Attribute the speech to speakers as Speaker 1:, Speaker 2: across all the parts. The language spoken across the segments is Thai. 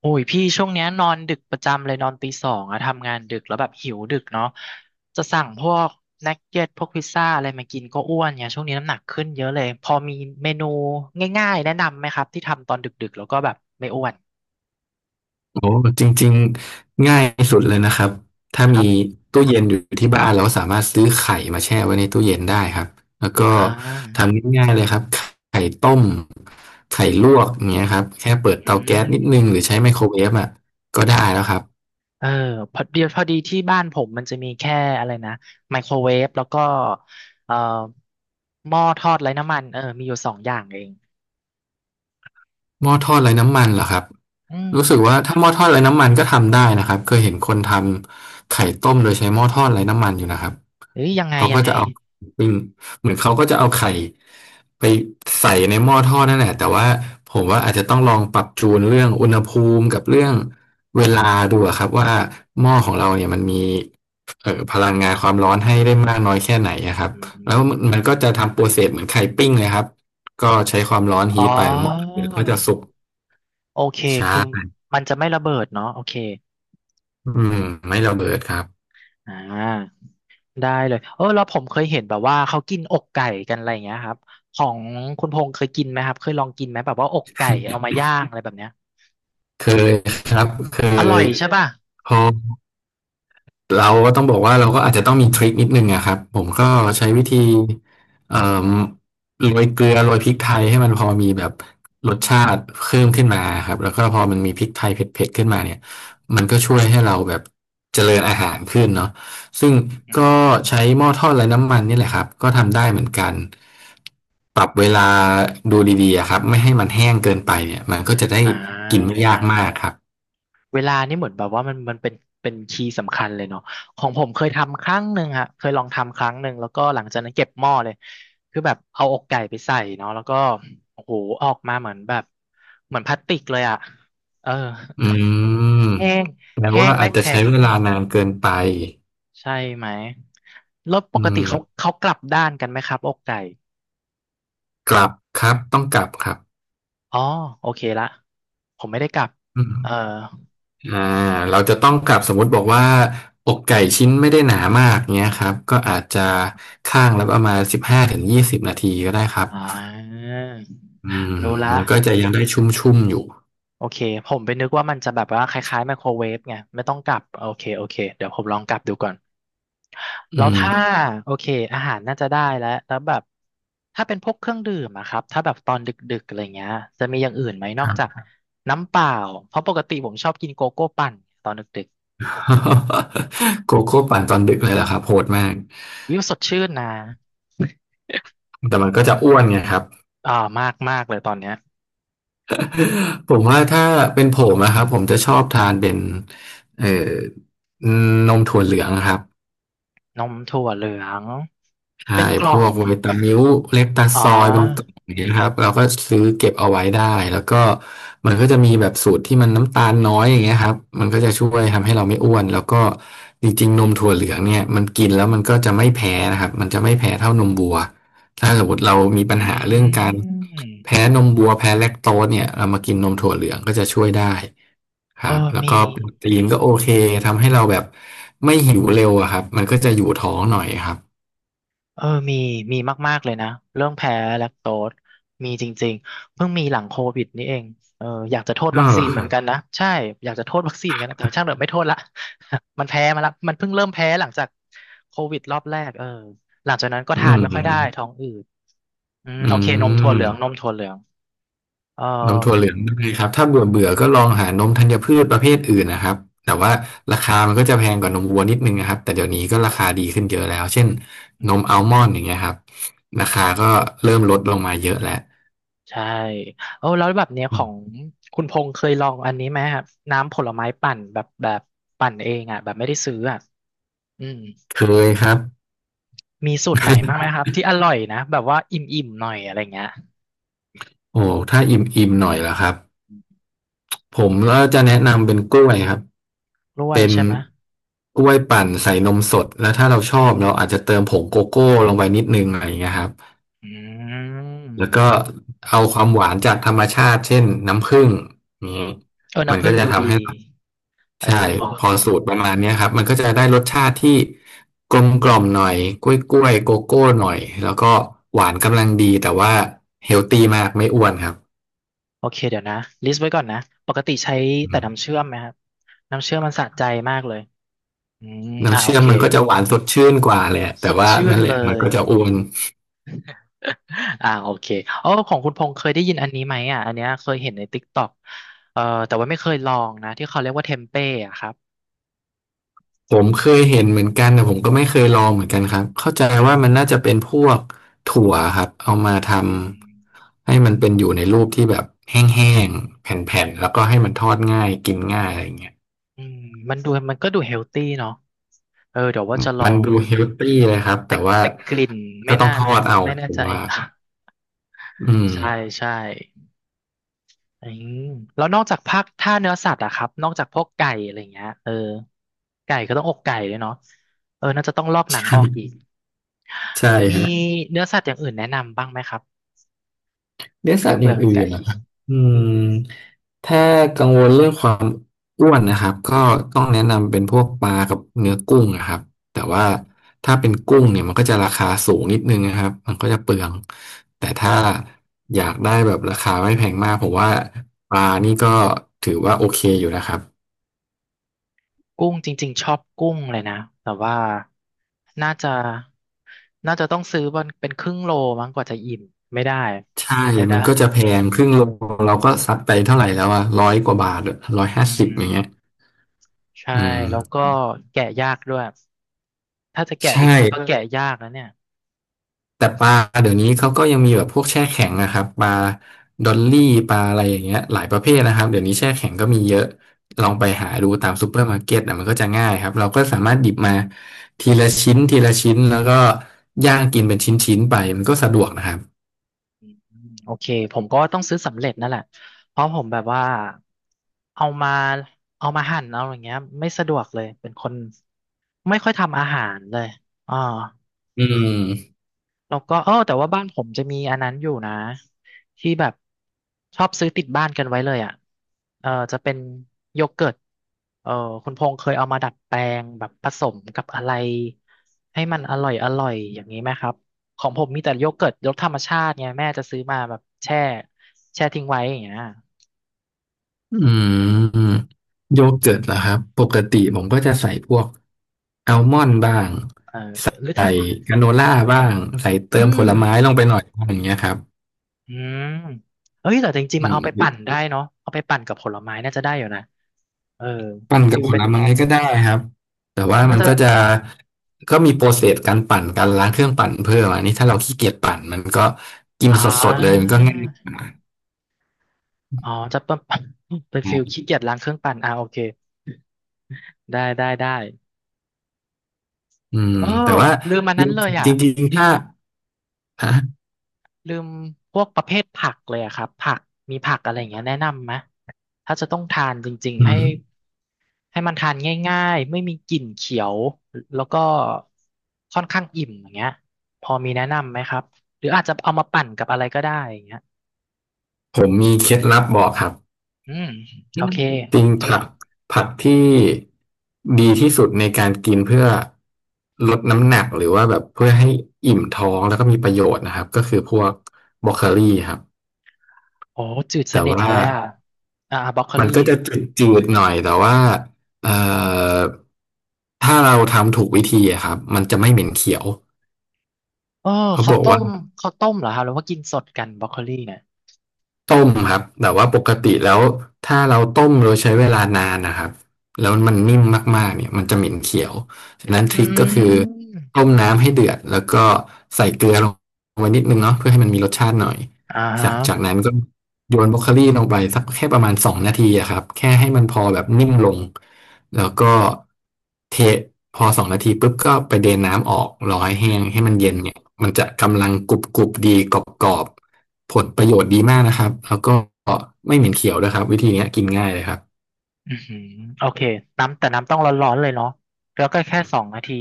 Speaker 1: โอ้ยพี่ช่วงเนี้ยนอนดึกประจำเลยนอนตี 2อะทำงานดึกแล้วแบบหิวดึกเนาะจะสั่งพวกนักเก็ตพวกพิซซ่าอะไรมากินก็อ้วนเนี่ยช่วงนี้น้ำหนักขึ้นเยอะเลยพอมีเมนูง่ายๆแนะนำไหมครับที่ทำตอนดึกๆแล้วก็แบบไม่อ้วน
Speaker 2: โอ้จริงๆง่ายสุดเลยนะครับถ้า
Speaker 1: ค
Speaker 2: มี
Speaker 1: รับ
Speaker 2: ตู้เย็นอยู่ที่บ้านเราสามารถซื้อไข่มาแช่ไว้ในตู้เย็นได้ครับแล้วก็
Speaker 1: อ่
Speaker 2: ท
Speaker 1: า
Speaker 2: ำง่ายๆเลยครับไข่ต้มไข่ลวกอย่างเงี้ยครับแค่เปิด
Speaker 1: อื
Speaker 2: เตาแก๊
Speaker 1: ม
Speaker 2: สนิดนึงหรือใช้ไมโครเวฟอ่ะก็ได้แล้วครับ
Speaker 1: เออพอดีที่บ้านผมมันจะมีแค่อะไรนะไมโครเวฟแล้วก็เอ่อหม้อทอดไร้น้ำมันเออมีอยู่2 อย่างเอง
Speaker 2: หม้อทอดไร้น้ำมันเหรอครับ
Speaker 1: อืม
Speaker 2: รู้สึกว่าถ้าหม้อทอดไร้น้ำมันก็ทำได้นะครับ เคยเห็นคนทำไข่ต้มโดยใช้หม้อทอดไร้น้ำมันอยู่นะครับ
Speaker 1: เอ้ยยังไง
Speaker 2: เขา
Speaker 1: ยั
Speaker 2: ก็
Speaker 1: งไง
Speaker 2: จะเอาปิ้งเหมือนเขาก็จะเอาไข่ไปใส่ในหม้อทอดนั่นแหละ แต่ว่าผมว่าอาจจะต้องลองปรับจูนเรื่องอุณหภูมิกับเรื่องเวลาดูอะครับว่าหม้อของเราเนี่ยมันมีพลังงานความร้อนให้ได้มากน้อยแค่ไหนอะครับ
Speaker 1: อื
Speaker 2: แล้วมันก็
Speaker 1: ม
Speaker 2: จะทำโปรเซสเหมือนไข่ปิ้งเลยครับ ก็ใช้ความร้อน
Speaker 1: อ๋
Speaker 2: ฮี
Speaker 1: อ
Speaker 2: ทไปเหมดหรือก็จะสุก
Speaker 1: โอเค
Speaker 2: ช
Speaker 1: คือ
Speaker 2: ้า
Speaker 1: มันจะไม่ระเบิดเนาะโอเค
Speaker 2: อืมไม่ระเบิดครับ
Speaker 1: อ่าได้เลยเออแล้วผมเคยเห็นแบบว่าเขากินอกไก่กันอะไรอย่างเงี้ยครับของคุณพงษ์เคยกินไหมครับเคยลองกินไหมแบบว่าอกไก่เอามาย่างอะไรแบบเนี้ย
Speaker 2: เคยครับเค
Speaker 1: อร่อ
Speaker 2: ย
Speaker 1: ยใช่ป่ะ
Speaker 2: พอ เราก็ต้องบอกว่าเราก็อาจจะต้องมีทริคนิดนึงอะครับผมก็ใช้วิธีเอ่อโรยเกลือโรยพริกไทยให้มันพอมีแบบรส
Speaker 1: อืม
Speaker 2: ชาติ
Speaker 1: อื
Speaker 2: เพิ่มขึ้นมาครับแล้วก็พอมันมีพริกไทยเผ็ดๆขึ้นมาเนี่ยมันก็ช่วยให้เราแบบเจริญอาหารขึ้นเนาะซึ่งก็
Speaker 1: ม
Speaker 2: ใช้หม้อทอดไร้น้ำมันนี่แหละครับก็ทำได้เหมือนกันปรับเวลาดูดีๆอะครับไม่ให้มันแห้ง
Speaker 1: อื
Speaker 2: เกิน
Speaker 1: ม
Speaker 2: ไปเนี่ยมันก็จะได้
Speaker 1: อ่า
Speaker 2: กินไม่ยากมากครับ
Speaker 1: เวลานี่เหมือนแบบว่ามันเป็นเป็นคีย์สำคัญเลยเนาะของผมเคยทำครั้งหนึ่งฮะเคยลองทำครั้งหนึ่งแล้วก็หลังจากนั้นเก็บหม้อเลยคือแบบเอาอกไก่ไปใส่เนาะแล้วก็โอ้โหออกมาเหมือนแบบเหมือนพลาสติกเลยอ่ะเออ
Speaker 2: อืม
Speaker 1: แห้ง
Speaker 2: แปล
Speaker 1: แห้
Speaker 2: ว่า
Speaker 1: ง
Speaker 2: อา
Speaker 1: และ
Speaker 2: จจะ
Speaker 1: แข็
Speaker 2: ใช้
Speaker 1: ง
Speaker 2: เวลานานเกินไป
Speaker 1: ใช่ไหมแล้วป
Speaker 2: อื
Speaker 1: กติ
Speaker 2: ม
Speaker 1: เขากลับด้านกันไหมครับอกไก่
Speaker 2: กลับครับต้องกลับครับ
Speaker 1: อ๋อโอเคละผมไม่ได้กลับ
Speaker 2: อื
Speaker 1: เออ
Speaker 2: มอ่าเราจะต้องกลับสมมุติบอกว่าอกไก่ชิ้นไม่ได้หนามากเนี้ยครับก็อาจจะข้างแล้วประมาณ15ถึง20นาทีก็ได้ครับ
Speaker 1: อ่า
Speaker 2: อืม
Speaker 1: รู้ละ
Speaker 2: มันก็จะยังได้ชุ่มๆอยู่
Speaker 1: โอเคผมไปนึกว่ามันจะแบบว่าคล้ายๆไมโครเวฟไงไม่ต้องกลับโอเคโอเคเดี๋ยวผมลองกลับดูก่อน
Speaker 2: อื
Speaker 1: แล้วถ้า
Speaker 2: ม
Speaker 1: โอเคอาหารน่าจะได้แล้วแล้วแบบถ้าเป็นพวกเครื่องดื่มอะครับถ้าแบบตอนดึกๆอะไรเงี้ยจะมีอย่างอื่นไหมน
Speaker 2: ค
Speaker 1: อก
Speaker 2: รับ
Speaker 1: จากน้ำเปล่าเพราะปกติผมชอบกินโกโก้ปั่นตอนดึกๆอืม
Speaker 2: โกโก้ปั่นตอนดึกเลยเหรอครับโหดมาก
Speaker 1: วิวสดชื่นนะ
Speaker 2: แต่มันก็จะอ้วนไงครับ
Speaker 1: อ่ามากมากเลยตอนเนี้ย
Speaker 2: ผมว่าถ้าเป็นผมนะครับผมจะชอบทานเป็นเอ่อนมถั่วเหลืองครับ
Speaker 1: นมถั่วเหลือง
Speaker 2: ใช่
Speaker 1: เป็นก
Speaker 2: พ
Speaker 1: ล่อ
Speaker 2: ว
Speaker 1: ง
Speaker 2: กไวตามิลเลปตา
Speaker 1: อ๋อ
Speaker 2: ซอยเป็นต้นอย่างเงี้ยครับ เราก็ซื้อเก็บเอาไว้ได้ แล้วก็มันก็จะมีแบบสูตรที่มันน้ำตาลน้อยอย่างเงี้ยครับมันก็จะช่วยทำให้เราไม่อ้วนแล้วก็จริงๆนมถั่วเหลืองเนี่ยมันกินแล้วมันก็จะไม่แพ้นะครับ มันจะไม่แพ้เท่านมวัว ถ้าสมมติเรามี
Speaker 1: อ
Speaker 2: ปัญหาเรื่อง
Speaker 1: ื
Speaker 2: การ
Speaker 1: ม
Speaker 2: แพ้นมวัวแพ้แลคโตสเนี่ยเรามากินนมถั่วเหลืองก็จะช่วยได้ค
Speaker 1: เอ
Speaker 2: รั
Speaker 1: อ
Speaker 2: บแล้ว
Speaker 1: มี
Speaker 2: ก็โปรตีนก็โอเคทำให้เราแบบไม่หิวเร็วอะครับมันก็จะอยู่ท้องหน่อยครับ
Speaker 1: เออมีมีมากๆเลยนะ เรื่องแพ้แลคโตสมีจริงๆเพิ่งมีหลังโควิดนี่เองเอออยากจะโทษ
Speaker 2: อ๋อ
Speaker 1: วัค
Speaker 2: เห
Speaker 1: ซี
Speaker 2: รอ
Speaker 1: น
Speaker 2: ค
Speaker 1: เหมือ
Speaker 2: รั
Speaker 1: นกัน
Speaker 2: บ
Speaker 1: นะ ใช่ อยากจะโทษวัคซีนกันนะแต่ช่างเถอะไม่โทษละ มันแพ้มาละมันเพิ่งเริ่มแพ้หลังจากโควิดรอบแรกเออหลังจากนั้นก็
Speaker 2: อื
Speaker 1: ทานไม่ค่อยได้ท้อ
Speaker 2: ม
Speaker 1: งอืดอืม
Speaker 2: อื
Speaker 1: โอเค นมถั่ว
Speaker 2: ม
Speaker 1: เหลือง นมถั่วเหลืองเออ
Speaker 2: นมถั่วเหลืองได้ครับถ้าเบื่อเบื่อก็ลองหานมธัญพืชประเภทอื่นนะครับแต่ว่าราคามันก็จะแพงกว่านมวัวนิดนึงนะครับแต่เดี๋ยวนี้ก็ราคาดีขึ้นเยอะแล้วเช่น
Speaker 1: อื
Speaker 2: นมอัลมอนด์อ
Speaker 1: ม
Speaker 2: ย่างเงี้ยครับราคาก็เริ่มลดลงมาเยอะแล้ว
Speaker 1: ใช่เออแล้วแบบเนี้ย
Speaker 2: อื
Speaker 1: ของ
Speaker 2: ม
Speaker 1: คุณพงษ์เคยลองอันนี้ไหมครับน้ำผลไม้ปั่นแบบแบบปั่นเองอ่ะแบบไม่ได้ซื้ออ่ะอืม
Speaker 2: เคยครับ
Speaker 1: มีสูตรไหนบ้างไหมครับที่อร่อยนะแบบว่าอิ่มๆหน่อยอะไรเงี้ย
Speaker 2: โอ้ถ้าอิ่มอิ่มหน่อยล่ะครับผมก็จะแนะนำเป็นกล้วยครับ
Speaker 1: กล้วย
Speaker 2: เป็น
Speaker 1: ใช่ไหม
Speaker 2: กล้วยปั่นใส่นมสดแล้วถ้าเราชอบเราอาจจะเติมผงโกโก้ลงไปนิดนึงอะไรอย่างเงี้ยครับ
Speaker 1: อืม
Speaker 2: แล้วก็เอาความหวานจากธรรมชาติเช่นน้ำผึ้งนี้
Speaker 1: เออ
Speaker 2: มัน
Speaker 1: น้ำผึ้
Speaker 2: ก็
Speaker 1: ง
Speaker 2: จะ
Speaker 1: ดู
Speaker 2: ทำ
Speaker 1: ดี
Speaker 2: ให้
Speaker 1: เออ
Speaker 2: ใช่
Speaker 1: พอ
Speaker 2: พอสูตรประมาณเนี้ยครับมันก็จะได้รสชาติที่กลมกล่อมหน่อยกล้วยกล้วยโกโก้หน่อยแล้วก็หวานกำลังดีแต่ว่าเฮลตี้มากไม่อ้วนครับ
Speaker 1: โอเคเดี๋ยวนะลิสต์ไว้ก่อนนะปกติใช้
Speaker 2: อื
Speaker 1: แต่
Speaker 2: ม
Speaker 1: น้ำเชื่อมไหมครับน้ำเชื่อมมันสะใจมากเลย
Speaker 2: น้ำ
Speaker 1: โอ
Speaker 2: เชื่อม
Speaker 1: เค
Speaker 2: มันก็จะหวานสดชื่นกว่าแหละ
Speaker 1: ส
Speaker 2: แต่
Speaker 1: ด
Speaker 2: ว่า
Speaker 1: ชื่น
Speaker 2: นั่นแห
Speaker 1: เล
Speaker 2: ละมัน
Speaker 1: ย
Speaker 2: ก็จะอ้วน
Speaker 1: โอเคอ๋อของคุณพงษ์เคยได้ยินอันนี้ไหมอ่ะอันเนี้ยเคยเห็นในติ๊กต็อกเอ่อแต่ว่าไม่เคยลองนะที่เขาเรียกว่าเทมเป้อะครับ
Speaker 2: ผมเคยเห็นเหมือนกันแต่ผมก็ไม่เคยลองเหมือนกันครับเข้าใจ
Speaker 1: อืม
Speaker 2: ว่ามันน่าจะเป็นพวกถั่วครับเอามาท
Speaker 1: อืม
Speaker 2: ำให้มันเป็นอยู่ในรูปที่แบบแห้งๆแผ่นๆแล้วก็ให้มันทอดง่ายกินง่ายอะไรอย่างเงี้ย
Speaker 1: อืมมันดูมันก็ดูเฮลตี้เนาะเออเดี๋ยวว่าจะลอ
Speaker 2: มัน
Speaker 1: ง
Speaker 2: ดูเฮลตี้เลยครับ
Speaker 1: แต่
Speaker 2: แต่ว่า
Speaker 1: แต่กลิ่น
Speaker 2: ก็
Speaker 1: ไม่
Speaker 2: ต้อ
Speaker 1: น่า
Speaker 2: งทอดเอา
Speaker 1: ไม่แน่
Speaker 2: ผม
Speaker 1: ใจ
Speaker 2: ว่าอืม
Speaker 1: ใช่ใช่อืมแล้วนอกจากภาคถ้าเนื้อสัตว์อะครับนอกจากพวกไก่อะไรเงี้ยเออไก่ก็ต้องอกไก่ด้วยเนาะเออน่าจะต้องลอกหนังออก
Speaker 2: ใช่
Speaker 1: อีก
Speaker 2: ใช่
Speaker 1: มี
Speaker 2: ฮะ
Speaker 1: เนื้อสัตว์อย่างอื่นแนะนำบ้างไหมครับ
Speaker 2: เลี้ยงสั
Speaker 1: เพื่
Speaker 2: ต
Speaker 1: อ
Speaker 2: ว์อ
Speaker 1: เบื่
Speaker 2: ย่า
Speaker 1: อ
Speaker 2: งอื่
Speaker 1: ไก่
Speaker 2: นนะครับอืมถ้ากังวลเรื่องความอ้วนนะครับก็ต้องแนะนำเป็นพวกปลากับเนื้อกุ้งนะครับแต่ว่าถ้าเป็นกุ้งเนี่ยมันก็จะราคาสูงนิดนึงนะครับมันก็จะเปลือง แต่ถ้าอยากได้แบบราคาไม่แพงมากผมว่าปลานี่ก็ถือว่าโอเคอยู่นะครับ
Speaker 1: กุ้งจริงๆชอบกุ้งเลยนะแต่ว่าน่าจะน่าจะต้องซื้อวันเป็นครึ่งโลมั้งกว่าจะอิ่มไม่ได้
Speaker 2: ใช่
Speaker 1: ไม่ได้
Speaker 2: มันก็จะแพงครึ่งโลเราก็ซัดไปเท่าไหร่แล้วอะร้อยกว่าบาทร้อยห้า
Speaker 1: อื
Speaker 2: สิบอย่างเงี้ย
Speaker 1: มใช่
Speaker 2: อืม
Speaker 1: แล้วก็แกะยากด้วยถ้าจะแกะ
Speaker 2: ใช
Speaker 1: จ
Speaker 2: ่
Speaker 1: ริงๆก็แกะยากแล้วเนี่ย
Speaker 2: แต่ปลาเดี๋ยวนี้เขาก็ยังมีแบบพวกแช่แข็งนะครับปลาด
Speaker 1: อื
Speaker 2: อลลี่
Speaker 1: ม
Speaker 2: ปลาอะไรอย่างเงี้ยหลายประเภทนะครับเดี๋ยวนี้แช่แข็งก็มีเยอะลองไปหาดูตามซูเปอร์มาร์เก็ตนะมันก็จะง่ายครับเราก็สามารถหยิบมาทีละชิ้นแล้วก็ย่างกินเป็นชิ้นๆไปมันก็สะดวกนะครับ
Speaker 1: โอเคผมก็ต้องซื้อสำเร็จนั่นแหละเพราะผมแบบว่าเอามาเอามาหั่นเอาอย่างเงี้ยไม่สะดวกเลยเป็นคนไม่ค่อยทำอาหารเลยอ่า
Speaker 2: อืม
Speaker 1: แล้วก็เออแต่ว่าบ้านผมจะมีอันนั้นอยู่นะที่แบบชอบซื้อติดบ้านกันไว้เลยอ่ะเออจะเป็นโยเกิร์ตเออคุณพงษ์เคยเอามาดัดแปลงแบบผสมกับอะไรให้มันอร่อยอร่อยอย่างนี้ไหมครับของผมมีแต่โยเกิร์ตรสธรรมชาติไงแม่จะซื้อมาแบบแช่แช่ทิ้งไว้อย่างเงี้ย
Speaker 2: อืมโยเกิร์ตเหรอครับปกติ
Speaker 1: อื
Speaker 2: ผม
Speaker 1: ม
Speaker 2: ก็จะใส่พวกอัลมอนด์บ้าง
Speaker 1: เออหรือถ้า
Speaker 2: ใส่กราโนล่าบ้างใส่
Speaker 1: อื
Speaker 2: เติมผลไม้
Speaker 1: ม
Speaker 2: ลงไปหน่อยอย่างเงี้ยครับ
Speaker 1: อืมเอ้ยแต่จริง
Speaker 2: อื
Speaker 1: ๆมาเอา
Speaker 2: ม
Speaker 1: ไปปั่นได้เนาะเอาไปปั่นกับผลไม้น่าจะได้อยู่นะเออ
Speaker 2: ปั่นกั
Speaker 1: ฟิ
Speaker 2: บ
Speaker 1: ล
Speaker 2: ผ
Speaker 1: เป็
Speaker 2: ล
Speaker 1: น
Speaker 2: ไม้ก็ได้ครับแต่ว่า
Speaker 1: น่า
Speaker 2: มัน
Speaker 1: จะ
Speaker 2: ก็จะก็มีโปรเซสการปั่นการล้างเครื่องปั่นเพิ่มอันนี้ถ้าเราขี้เกียจปั่นมันก็กิน
Speaker 1: อ่
Speaker 2: สดๆเลยมั
Speaker 1: า
Speaker 2: นก็ง่าย
Speaker 1: อ๋อ จะเป็น เป็นฟิลขี้เกียจล้างเครื่องปั่นอ่าโอเคได้ได้ได้
Speaker 2: อืม
Speaker 1: เออ
Speaker 2: แต่ว่า
Speaker 1: ลืมอันนั้นเลยอ่ะ
Speaker 2: จริงๆถ้าฮะ
Speaker 1: ลืมพวกประเภทผักเลยอะครับผักมีผักอะไรอย่างเงี้ยแนะนำไหม ถ้าจะต้องทานจริง
Speaker 2: อื
Speaker 1: ๆให้
Speaker 2: ม
Speaker 1: ให้มันทานง่ายๆ ไม่มีกลิ่นเขียวแล้วก็ค่อนข้างอิ่มอย่างเงี้ยพอมีแนะนำไหมครับ หรืออาจจะเอามาปั่นกับอะไรก็ได้อย่างเงี้ย
Speaker 2: ผมมีเคล็ดลับบอกครับ
Speaker 1: อืม
Speaker 2: อื
Speaker 1: โอ
Speaker 2: ม
Speaker 1: เค
Speaker 2: จริง
Speaker 1: จ
Speaker 2: ผั
Speaker 1: ด
Speaker 2: กผักที่ดีที่สุดในการกินเพื่อลดน้ำหนักหรือว่าแบบเพื่อให้อิ่มท้องแล้วก็มีประโยชน์นะครับก็คือพวกบรอกโคลีครับ
Speaker 1: โอ้จืดส
Speaker 2: แต่
Speaker 1: นิทเล
Speaker 2: ว่า
Speaker 1: ยอ่ะอ่าบรอกโค
Speaker 2: มั
Speaker 1: ลี
Speaker 2: นก็จะจืดๆหน่อยแต่ว่าเอ่อถ้าเราทำถูกวิธีอะครับมันจะไม่เหม็นเขียว
Speaker 1: เออ
Speaker 2: เขา
Speaker 1: เขา
Speaker 2: บอก
Speaker 1: ต้
Speaker 2: ว่า
Speaker 1: มเขาต้มเหรอครับหรือว่ากินสดกันบรอกโคลี่เนี่ย
Speaker 2: ต้มครับแต่ว่าปกติแล้วถ้าเราต้มโดยใช้เวลานานนะครับแล้วมันนิ่มมากๆเนี่ยมันจะเหม็น
Speaker 1: อื
Speaker 2: เขีย
Speaker 1: ม
Speaker 2: วฉะนั้นท
Speaker 1: อื
Speaker 2: ริคก็คือ
Speaker 1: ม
Speaker 2: ต้มน้ำให้เดือดแล้วก็ใส่เกลือลงไปนิดนึงเนาะเพื่อให้มันมีรสชาติหน่อย
Speaker 1: อ่า
Speaker 2: จากจาก
Speaker 1: ฮะ
Speaker 2: นั้นก็โยนบรอกโคลีลงไปสักแค่ประมาณสองนาทีอะครับแค่ให้มันพอแบบนิ่มลง แล้วก็เทพอสองนาทีปุ๊บก็ไปเดนน้ำออกรอให้
Speaker 1: อื
Speaker 2: แห้งให้มัน
Speaker 1: ม
Speaker 2: เย็นเนี่ยมันจะกำลังกรุบกรุบดีกรอบกรอบผลประโยชน์ดีมากนะครับแล้วก็ไม่เหม็นเขียวด้วยครับวิธีเนี้ยกินง่ายเลยครับ
Speaker 1: อืมโอเค น้ำแต่น้ำต้องร้อนๆเลยเนาะแล้วก็แค่2 นาที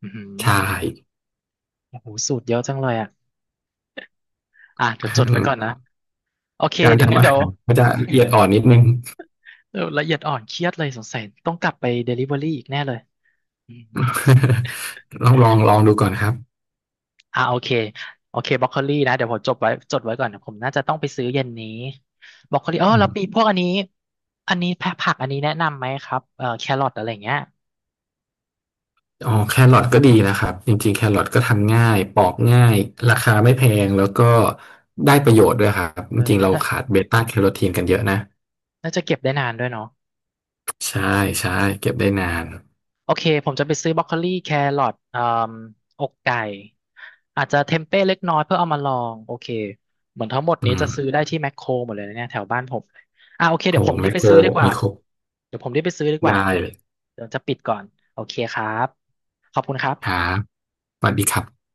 Speaker 1: อืม
Speaker 2: ใช่
Speaker 1: โอ้โหสูตรเยอะจังเลยอ่ะอ่ะเดี๋ยวจดไว้ก่อนนะ โอเค
Speaker 2: การ
Speaker 1: เดี๋ยวงั้
Speaker 2: ทำ
Speaker 1: น
Speaker 2: อา
Speaker 1: เดี๋ย
Speaker 2: หา
Speaker 1: ว
Speaker 2: รก็จะละเอียดอ่อนนิดนึง
Speaker 1: เดี๋ยวละเอียดอ่อนเครียดเลยสงสัย ต้องกลับไปเดลิเวอรี่อีกแน่เลยอืม
Speaker 2: ลองดูก่อนครับ
Speaker 1: อ่าโอเคโอเคบรอกโคลีนะเดี๋ยวผมจดไว้ก่อนผมน่าจะต้องไปซื้อเย็นนี้บรอกโคลีอ๋อ
Speaker 2: อื
Speaker 1: แล้วปี
Speaker 2: ม
Speaker 1: พวกอันนี้อันนี้แพะผักอันนี้แนะนำไหมครับแครอทอะไรอย่างเงี้ย
Speaker 2: อ๋อแครอทก็ดีนะครับจริงๆแครอทก็ทำง่ายปอกง่ายราคาไม่แพงแล้วก็ได้ประโยชน์ด้วยครับจ
Speaker 1: เออ
Speaker 2: ริงๆ
Speaker 1: นะ
Speaker 2: เรา
Speaker 1: น่า
Speaker 2: ขาดเบต้าแคโรทีนกันเยอะนะ
Speaker 1: น่าจะเก็บได้นานด้วยเนาะ
Speaker 2: ใช่ใช่เก็บได้นาน
Speaker 1: โอเคผมจะไปซื้อบรอกโคลีแครอทอกไก่อาจจะเทมเป้เล็กน้อยเพื่อเอามาลองโอเคเหมือนทั้งหมด
Speaker 2: อื
Speaker 1: นี้
Speaker 2: ม
Speaker 1: จะซื้อได้ที่แมคโครหมดเลยนะเนี่ยแถวบ้านผมอ่าโอเค
Speaker 2: โห
Speaker 1: เดี๋ยวผม
Speaker 2: แม
Speaker 1: รีบ
Speaker 2: ค
Speaker 1: ไป
Speaker 2: โคร
Speaker 1: ซื้อดีกว่า
Speaker 2: มีครบ
Speaker 1: เดี๋ยวผมรีบไปซื้อดีกว่า
Speaker 2: ได้เลย
Speaker 1: เดี๋ยวจะปิดก่อนโอเคครับขอบคุณครั
Speaker 2: ครั
Speaker 1: บ
Speaker 2: บสวัสดีครับ